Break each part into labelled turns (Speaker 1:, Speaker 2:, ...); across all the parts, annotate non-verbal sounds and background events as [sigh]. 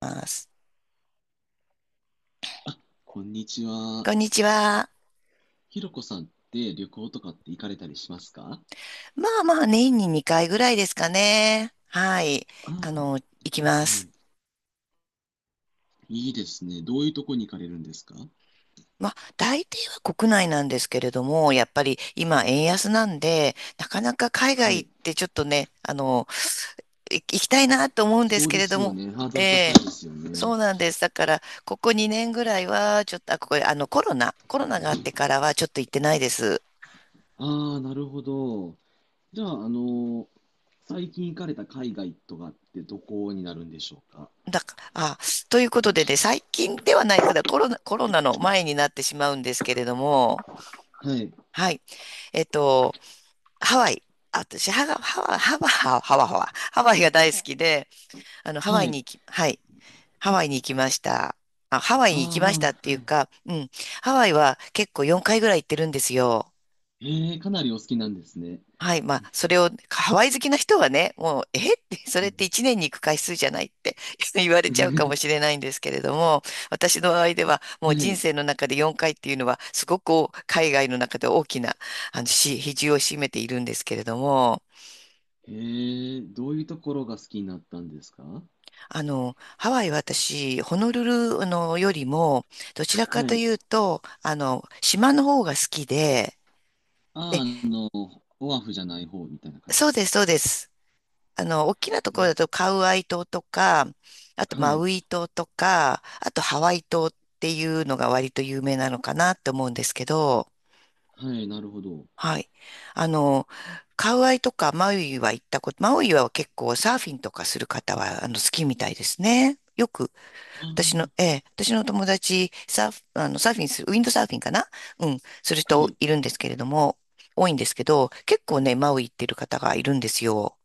Speaker 1: ます。
Speaker 2: こんにちは。
Speaker 1: こんにちは。
Speaker 2: ひろこさんって旅行とかって行かれたりしますか？
Speaker 1: まあまあ、年に2回ぐらいですかね。はい。
Speaker 2: あ
Speaker 1: あの、行きま
Speaker 2: あ、は
Speaker 1: す。
Speaker 2: い。いいですね。どういうとこに行かれるんですか？
Speaker 1: まあ、大抵は国内なんですけれども、やっぱり今、円安なんで、なかなか海外
Speaker 2: は
Speaker 1: 行
Speaker 2: い。
Speaker 1: ってちょっとね、行きたいなと思うんで
Speaker 2: そ
Speaker 1: す
Speaker 2: う
Speaker 1: け
Speaker 2: で
Speaker 1: れ
Speaker 2: す
Speaker 1: ど
Speaker 2: よ
Speaker 1: も、
Speaker 2: ね。ハード
Speaker 1: え
Speaker 2: ル高い
Speaker 1: え、
Speaker 2: ですよ
Speaker 1: そ
Speaker 2: ね。
Speaker 1: うなんです。だから、ここ2年ぐらいは、ちょっと、あ、ここ、あの、コロナがあってからは、ちょっと行ってないです。
Speaker 2: ああ、なるほど。じゃあ、最近行かれた海外とかってどこになるんでしょうか？
Speaker 1: だか、あ、ということでね、最近ではないコロナの前になってしまうんですけれども、
Speaker 2: はい。
Speaker 1: はい。えっと、ハワイ。私、ハワイが大好きで、ハ
Speaker 2: は
Speaker 1: ワイに
Speaker 2: い。
Speaker 1: 行き、はい。ハワイに行きました。ハワイ
Speaker 2: あ
Speaker 1: に行き
Speaker 2: あ、
Speaker 1: まし
Speaker 2: は
Speaker 1: たっ
Speaker 2: い。
Speaker 1: ていう
Speaker 2: はい。
Speaker 1: か、うん。ハワイは結構4回ぐらい行ってるんですよ。
Speaker 2: ええ、かなりお好きなんですね。
Speaker 1: はい。まあ、それを、ハワイ好きな人はね、もう、えって、そ
Speaker 2: う
Speaker 1: れって
Speaker 2: ん
Speaker 1: 一年に行く回数じゃないって [laughs] 言われ
Speaker 2: [laughs] う
Speaker 1: ちゃうかも
Speaker 2: ん。
Speaker 1: しれないんですけれども、私の場合では、も
Speaker 2: は
Speaker 1: う人
Speaker 2: い。
Speaker 1: 生の中で4回っていうのは、すごく海外の中で大きな、比重を占めているんですけれども、
Speaker 2: ええ、どういうところが好きになったんですか？
Speaker 1: ハワイは私、ホノルル、よりも、どちらか
Speaker 2: は
Speaker 1: と
Speaker 2: い。
Speaker 1: いうと、島の方が好きで、
Speaker 2: ああ、
Speaker 1: え、
Speaker 2: オアフじゃない方みたいな感じで
Speaker 1: そう
Speaker 2: すか
Speaker 1: です、そうです。大きなところ
Speaker 2: ね。
Speaker 1: だとカウアイ島とか、あと
Speaker 2: は
Speaker 1: マ
Speaker 2: い、
Speaker 1: ウイ島とか、あとハワイ島っていうのが割と有名なのかなって思うんですけど、
Speaker 2: はい、なるほど。
Speaker 1: はい。あの、カウアイとかマウイは行ったこと、マウイは結構サーフィンとかする方は好きみたいですね。よく、
Speaker 2: あ
Speaker 1: 私の友達、サーフィンする、ウィンドサーフィンかな、うん、する
Speaker 2: ーは
Speaker 1: 人
Speaker 2: い。
Speaker 1: いるんですけれども、多いんですけど、結構ね、マウイ行ってる方がいるんですよ。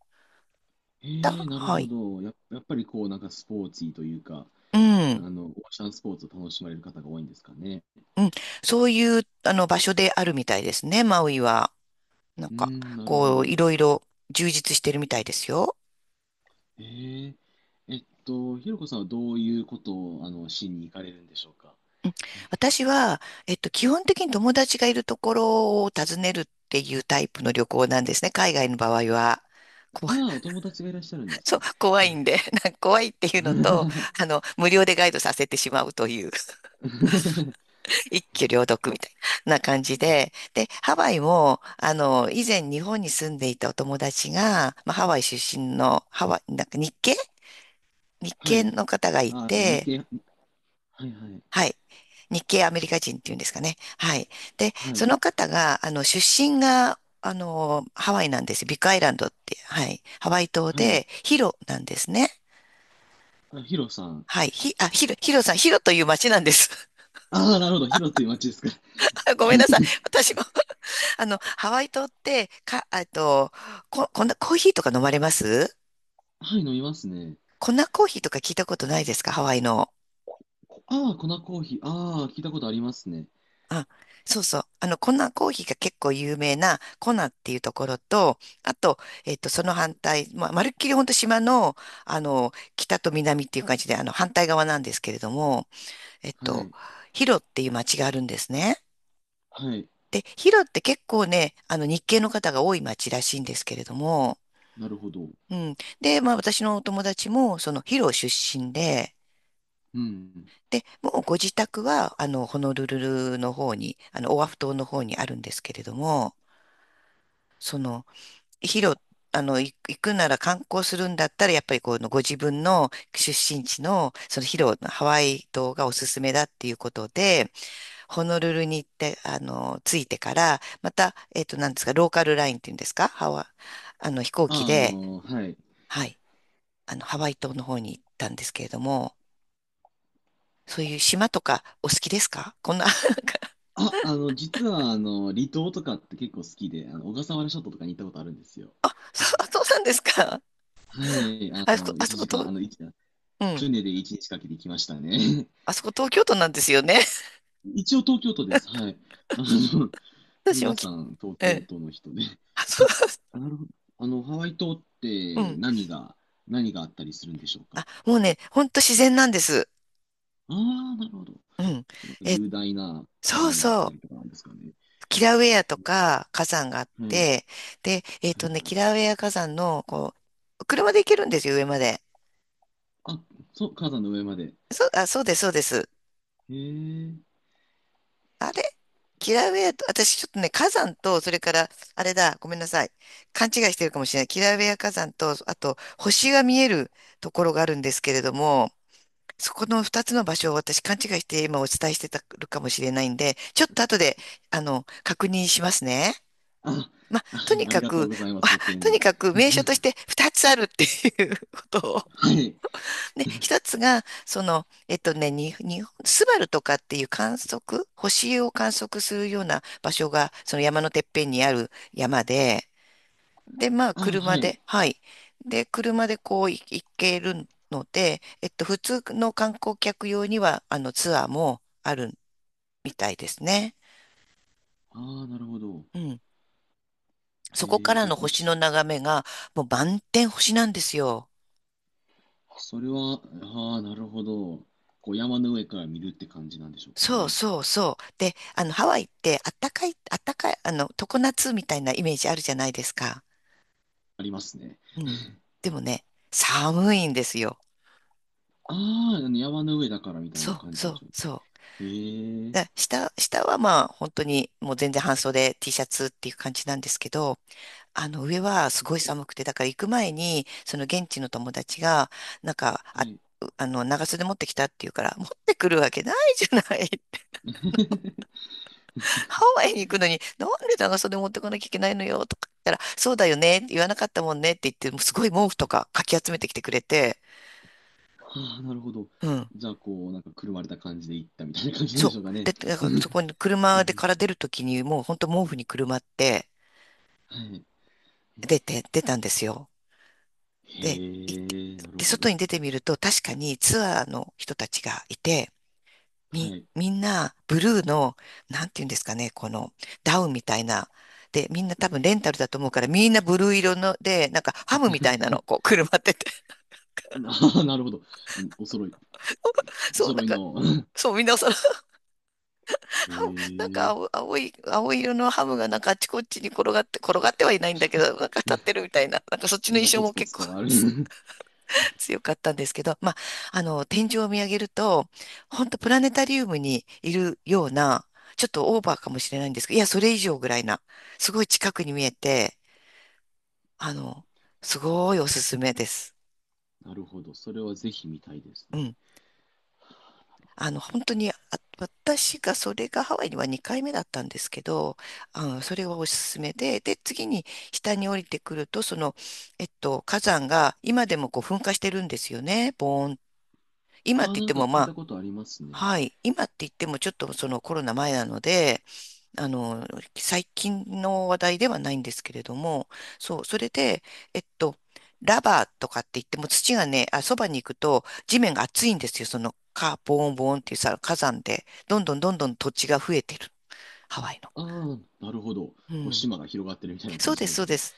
Speaker 2: なる
Speaker 1: は
Speaker 2: ほ
Speaker 1: い。
Speaker 2: ど。やっぱりこう、なんかスポーツというか、
Speaker 1: うん。
Speaker 2: オーシャンスポーツを楽しまれる方が多いんですかね。
Speaker 1: うん、そういうあの場所であるみたいですね、マウイは。なん
Speaker 2: うー
Speaker 1: か、
Speaker 2: ん、なるほ
Speaker 1: こ
Speaker 2: ど。
Speaker 1: う、いろいろ充実してるみたいですよ。
Speaker 2: ええ、ひろこさんはどういうことを、しに行かれるんでしょうか。
Speaker 1: うん、私は、基本的に友達がいるところを訪ねるっていうタイプの旅行なんですね、海外の場合は。こわ
Speaker 2: ああ、お友達がいらっしゃるんで
Speaker 1: [laughs]
Speaker 2: す
Speaker 1: そう、
Speaker 2: ね。
Speaker 1: 怖いんで、なんか怖いっていうのと、無料でガイドさせてしまうという。
Speaker 2: [laughs]
Speaker 1: 一挙両得みたいな感じで、で、ハワイも、以前日本に住んでいたお友達が、まあ、ハワイ出身の、ハワイ、なんか日系日
Speaker 2: は
Speaker 1: 系
Speaker 2: い。
Speaker 1: の方がい
Speaker 2: あ、あの日
Speaker 1: て、
Speaker 2: 系、はいはい。
Speaker 1: はい。日系アメリカ人っていうんですかね。はい。で、
Speaker 2: は
Speaker 1: そ
Speaker 2: い。
Speaker 1: の方が、出身が、ハワイなんですよ。ビッグアイランドって、はい。ハワイ島
Speaker 2: はい。
Speaker 1: で、ヒロなんですね。
Speaker 2: あ、ヒロさん。
Speaker 1: はい。ヒロ、ヒロさん、ヒロという町なんです。
Speaker 2: ああ、なるほど。ヒロという町ですか。[laughs]
Speaker 1: [laughs] ごめんなさい。私もハワイ島って、か、えっと、こ、こんなコーヒーとか飲まれます？
Speaker 2: はい、飲みますね。
Speaker 1: 粉コーヒーとか聞いたことないですか、ハワイの。
Speaker 2: ああ、粉コーヒー。ああ、聞いたことありますね。
Speaker 1: あ、そうそう。粉コーヒーが結構有名なコナっていうところと、あと、その反対、まあ、まるっきり本当島の、北と南っていう感じで、反対側なんですけれども、えっ
Speaker 2: は
Speaker 1: と、
Speaker 2: い。
Speaker 1: ヒロっていう町があるんですね。
Speaker 2: はい。
Speaker 1: で、ヒロって結構ね、日系の方が多い町らしいんですけれども、
Speaker 2: なるほど。
Speaker 1: うん。で、まあ私のお友達も、そのヒロ出身で、
Speaker 2: うん。
Speaker 1: で、もうご自宅は、ホノルルルの方に、オアフ島の方にあるんですけれども、その、ヒロ、行くなら観光するんだったら、やっぱりこのご自分の出身地の、そのヒロのハワイ島がおすすめだっていうことで、ホノルルに行って、着いてから、また、なんですか、ローカルラインっていうんですか、ハワ、あの、飛行機
Speaker 2: ああ、
Speaker 1: で、
Speaker 2: はい。
Speaker 1: はい、ハワイ島の方に行ったんですけれども、そういう島とかお好きですか、こんな？
Speaker 2: あ、実は、離島とかって結構好きで、小笠原諸島とかに行ったことあるんですよ。
Speaker 1: [laughs] そうそう、なんですか？
Speaker 2: はい。
Speaker 1: あそこ、あそ
Speaker 2: 1
Speaker 1: こ
Speaker 2: 時間、
Speaker 1: と、うん。
Speaker 2: 船で1日かけて行きましたね。[laughs]
Speaker 1: あそこ東京都なんですよね。
Speaker 2: 一応東京都です。はい。あの、
Speaker 1: [laughs] 私
Speaker 2: 皆
Speaker 1: も
Speaker 2: さん、東
Speaker 1: え
Speaker 2: 京
Speaker 1: え。
Speaker 2: 都の人で。
Speaker 1: [laughs] あ、そ
Speaker 2: え、なるほど。ハワイ島っ
Speaker 1: う、う
Speaker 2: て
Speaker 1: ん。
Speaker 2: 何があったりするんでしょうか？
Speaker 1: あ、もうね、ほんと自然なんです。
Speaker 2: ああ、なるほど。
Speaker 1: うん。
Speaker 2: なんか
Speaker 1: え、
Speaker 2: 雄大な火
Speaker 1: そう
Speaker 2: 山があっ
Speaker 1: そ
Speaker 2: たりと
Speaker 1: う。
Speaker 2: かなんですかね。
Speaker 1: キラウェアとか火山があっ
Speaker 2: はい。
Speaker 1: て、で、
Speaker 2: はいは
Speaker 1: キ
Speaker 2: い。
Speaker 1: ラウェア火山の、こう、車で行けるんですよ、上まで。
Speaker 2: あ、そう、火山の上まで。
Speaker 1: そう、あ、そうです、そうです。
Speaker 2: へえ。
Speaker 1: あれ、キラウェアと、私ちょっとね、火山と、それから、あれだ、ごめんなさい。勘違いしてるかもしれない。キラウェア火山と、あと、星が見えるところがあるんですけれども、そこの二つの場所を私勘違いして今お伝えしてたるかもしれないんで、ちょっと後で、確認しますね。
Speaker 2: あ、
Speaker 1: まあ、
Speaker 2: あ、
Speaker 1: とに
Speaker 2: あり
Speaker 1: か
Speaker 2: がとう
Speaker 1: く、
Speaker 2: ござい
Speaker 1: [laughs]
Speaker 2: ま
Speaker 1: あ
Speaker 2: す。ご丁寧
Speaker 1: と
Speaker 2: に。
Speaker 1: にかく名所として二つあるっていうことを、
Speaker 2: はい。
Speaker 1: で、一つが、その、にスバルとかっていう観測、星を観測するような場所が、その山のてっぺんにある山で、で、まあ、
Speaker 2: あ、
Speaker 1: 車
Speaker 2: はい。
Speaker 1: で、はい。で、車でこう行けるので、普通の観光客用には、ツアーもあるみたいですね。
Speaker 2: ああ、なるほど。
Speaker 1: うん。そこから
Speaker 2: じゃあ、
Speaker 1: の
Speaker 2: こう
Speaker 1: 星の
Speaker 2: し、
Speaker 1: 眺めが、もう満天星なんですよ。
Speaker 2: それは、ああ、なるほど。こう、山の上から見るって感じなんでしょうか
Speaker 1: そう
Speaker 2: ね？
Speaker 1: そうそう。で、ハワイってあったかい、あったかい、常夏みたいなイメージあるじゃないですか。
Speaker 2: ありますね。
Speaker 1: うん。でもね、寒いんですよ。
Speaker 2: ああ、山の上だからみたい
Speaker 1: そ
Speaker 2: な
Speaker 1: う
Speaker 2: 感じ
Speaker 1: そ
Speaker 2: なんで
Speaker 1: う
Speaker 2: しょ
Speaker 1: そう。
Speaker 2: う。へえ。
Speaker 1: 下はまあ、本当にもう全然半袖 T シャツっていう感じなんですけど、上はすごい寒くて、だから行く前に、その現地の友達が、なんか、
Speaker 2: はい。
Speaker 1: 長袖持ってきたっていうから、持ってくるわけないじゃない、
Speaker 2: [laughs]
Speaker 1: ハワイに行くのに、なんで長袖持ってこなきゃいけないのよとか言ったら、そうだよね、言わなかったもんねって言って、もうすごい毛布とかかき集めてきてくれて、
Speaker 2: ああ、なるほど。
Speaker 1: うん。
Speaker 2: じゃあ、こう、なんか、くるまれた感じで行ったみたいな感じなんで
Speaker 1: そ
Speaker 2: しょうか
Speaker 1: う。
Speaker 2: ね？
Speaker 1: で、だか
Speaker 2: う
Speaker 1: らそ
Speaker 2: ん、
Speaker 1: こに
Speaker 2: う
Speaker 1: 車で
Speaker 2: ん、
Speaker 1: から出るときに、もう本当毛布にくるまって
Speaker 2: はい。
Speaker 1: 出て、出たんですよ。
Speaker 2: へ
Speaker 1: で、行って、
Speaker 2: え、なる
Speaker 1: で、
Speaker 2: ほど。
Speaker 1: 外に出てみると、確かにツアーの人たちがいて、
Speaker 2: は
Speaker 1: み、
Speaker 2: い。
Speaker 1: みんな、ブルーの、なんていうんですかね、この、ダウンみたいな。で、みんな多分レンタルだと思うから、みんなブルー色ので、なんかハムみたいなの、こう、くるまってて。
Speaker 2: [laughs] ああ、なるほど。うん、
Speaker 1: [laughs]
Speaker 2: お
Speaker 1: そう、な
Speaker 2: 揃
Speaker 1: ん
Speaker 2: い
Speaker 1: か、
Speaker 2: の。[laughs]
Speaker 1: そう、みんなその、
Speaker 2: へ
Speaker 1: ハムなんか
Speaker 2: え、
Speaker 1: 青い色のハムがなんかあっちこっちに転がって、転がってはいないんだけど、なんか立ってるみたいな。なんかそっち
Speaker 2: な
Speaker 1: の
Speaker 2: んか、
Speaker 1: 印象
Speaker 2: ポツ
Speaker 1: も
Speaker 2: ポ
Speaker 1: 結
Speaker 2: ツ
Speaker 1: 構
Speaker 2: とある。[laughs]
Speaker 1: 強かったんですけど、まあ、天井を見上げると、本当プラネタリウムにいるような、ちょっとオーバーかもしれないんですけど、いや、それ以上ぐらいな、すごい近くに見えて、あの、すごいおすすめです。
Speaker 2: なるほど。それはぜひ見たいです
Speaker 1: う
Speaker 2: ね。
Speaker 1: ん。本当に、私がそれがハワイには2回目だったんですけど、それはおすすめで、で、次に下に降りてくると、その、火山が今でもこう噴火してるんですよね、ボーン。今っ
Speaker 2: あ
Speaker 1: て
Speaker 2: あ、
Speaker 1: 言っ
Speaker 2: なん
Speaker 1: て
Speaker 2: か
Speaker 1: も
Speaker 2: 聞
Speaker 1: ま
Speaker 2: い
Speaker 1: あ、
Speaker 2: たことありますね。
Speaker 1: はい。今って言ってもちょっとそのコロナ前なので、あの、最近の話題ではないんですけれども、そう、それで、えっと、ラバーとかって言っても土がね、あ、そばに行くと地面が熱いんですよ。そのカボーンボーンっていうさ、火山で、どんどんどんどん土地が増えてる。ハワイの。
Speaker 2: ああ、なるほど。
Speaker 1: う
Speaker 2: こう、
Speaker 1: ん。
Speaker 2: 島が広がってるみたいな
Speaker 1: そ
Speaker 2: 感
Speaker 1: う
Speaker 2: じ
Speaker 1: で
Speaker 2: なん
Speaker 1: す、
Speaker 2: でし
Speaker 1: そう
Speaker 2: ょうか
Speaker 1: で
Speaker 2: ね？
Speaker 1: す。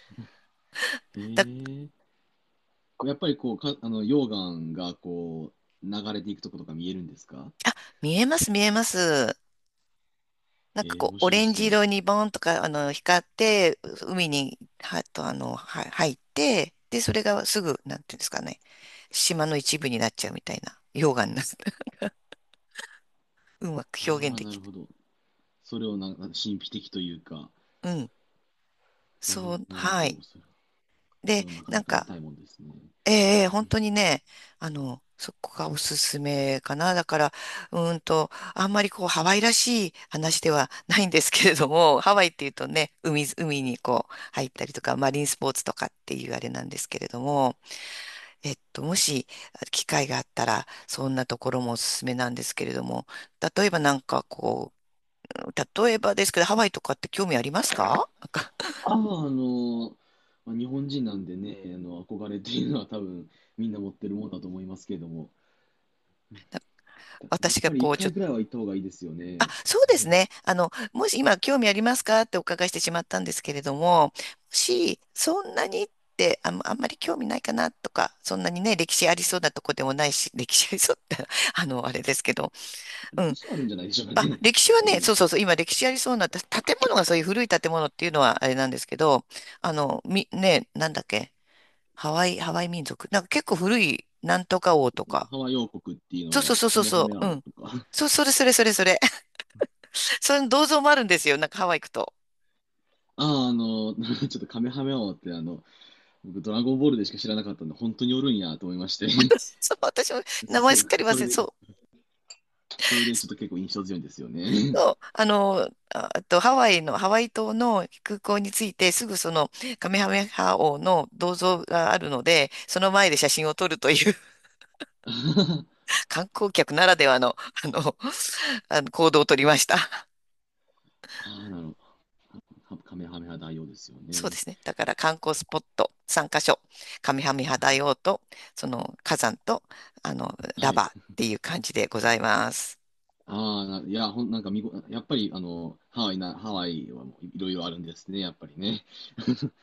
Speaker 2: へ
Speaker 1: だ、
Speaker 2: え。こうやっぱりこう、溶岩がこう、流れていくとことか見えるんですか？
Speaker 1: 見えます、見えます。なんか
Speaker 2: へえ、
Speaker 1: こ
Speaker 2: 面
Speaker 1: う、オ
Speaker 2: 白
Speaker 1: レンジ
Speaker 2: そう。
Speaker 1: 色にボーンとか、光って、海に、は、と、は、入って、で、それがすぐ、なんていうんですかね、島の一部になっちゃうみたいな、溶岩になる。[laughs] うまく表
Speaker 2: あ
Speaker 1: 現
Speaker 2: あ、
Speaker 1: で
Speaker 2: な
Speaker 1: き
Speaker 2: るほど。それをな神秘的というか、
Speaker 1: ない。うん。そう、
Speaker 2: なるほ
Speaker 1: はい。
Speaker 2: どそれ。そ
Speaker 1: で、
Speaker 2: れはなか
Speaker 1: な
Speaker 2: な
Speaker 1: ん
Speaker 2: か見
Speaker 1: か、
Speaker 2: たいもんですね。
Speaker 1: ええええ本当にね、そこがおすすめかな。だから、うーんと、あんまりこう、ハワイらしい話ではないんですけれども、ハワイっていうとね、海、海にこう、入ったりとか、マリンスポーツとかっていうあれなんですけれども、もし機会があったら、そんなところもおすすめなんですけれども、例えばなんかこう、例えばですけど、ハワイとかって興味ありますか？
Speaker 2: ああ、の、まあ、日本人なんでね、あの憧れっていうのは多分みんな持ってるもんだと思いますけれども、やっ
Speaker 1: 私が
Speaker 2: ぱり
Speaker 1: こ
Speaker 2: 一
Speaker 1: う、ちょ
Speaker 2: 回
Speaker 1: っと、
Speaker 2: ぐらいは行った方がいいですよ
Speaker 1: あ、
Speaker 2: ね。
Speaker 1: そうですね。もし今興味ありますかってお伺いしてしまったんですけれども、もしそんなにってあん、あんまり興味ないかなとか、そんなにね、歴史ありそうなとこでもないし、歴史ありそうって、[laughs] あれですけど、う
Speaker 2: 歴
Speaker 1: ん。
Speaker 2: 史はあるんじゃないでしょうか
Speaker 1: あ、
Speaker 2: ね。
Speaker 1: 歴史
Speaker 2: [laughs]
Speaker 1: は
Speaker 2: あ
Speaker 1: ね、
Speaker 2: の
Speaker 1: そうそうそう、今歴史ありそうな、た建物がそういう古い建物っていうのはあれなんですけど、み、ね、なんだっけ、ハワイ、ハワイ民族。なんか結構古い、なんとか王とか。
Speaker 2: ハワイ王国っていう
Speaker 1: そうそ
Speaker 2: の
Speaker 1: う
Speaker 2: が
Speaker 1: そう
Speaker 2: カ
Speaker 1: そう
Speaker 2: メハ
Speaker 1: そ
Speaker 2: メア
Speaker 1: う、う
Speaker 2: オ
Speaker 1: ん。
Speaker 2: とか。
Speaker 1: そう、それそれそれそれ。[laughs] その銅像もあるんですよ、なんかハワイ行くと。
Speaker 2: ああ、[laughs] ちょっとカメハメアオって僕ドラゴンボールでしか知らなかったんで、本当におるんやと思いまして。
Speaker 1: そう、私も
Speaker 2: [laughs]
Speaker 1: 名前
Speaker 2: そ、
Speaker 1: すっかり
Speaker 2: そ
Speaker 1: 忘
Speaker 2: れ
Speaker 1: れ、
Speaker 2: で
Speaker 1: そう。
Speaker 2: それでちょっと結構印象強いんですよね。
Speaker 1: そう、ああとハワイの、ハワイ島の空港に着いて、すぐそのカメハメハ王の銅像があるので、その前で写真を撮るという
Speaker 2: [laughs]
Speaker 1: 観光客ならではの、[laughs] あの、[laughs] 行動を取りました。[laughs]
Speaker 2: ああ、なるほど。カメハメハ大王ですよ
Speaker 1: そうで
Speaker 2: ね。
Speaker 1: すね。だから観光スポット3カ所。上半身肌用と、その火山と、
Speaker 2: は
Speaker 1: ラバ
Speaker 2: い。
Speaker 1: ーっていう感じでございます。
Speaker 2: ああ、いや、なんかやっぱり、ハワイはもういろいろあるんですね、やっぱりね。[laughs]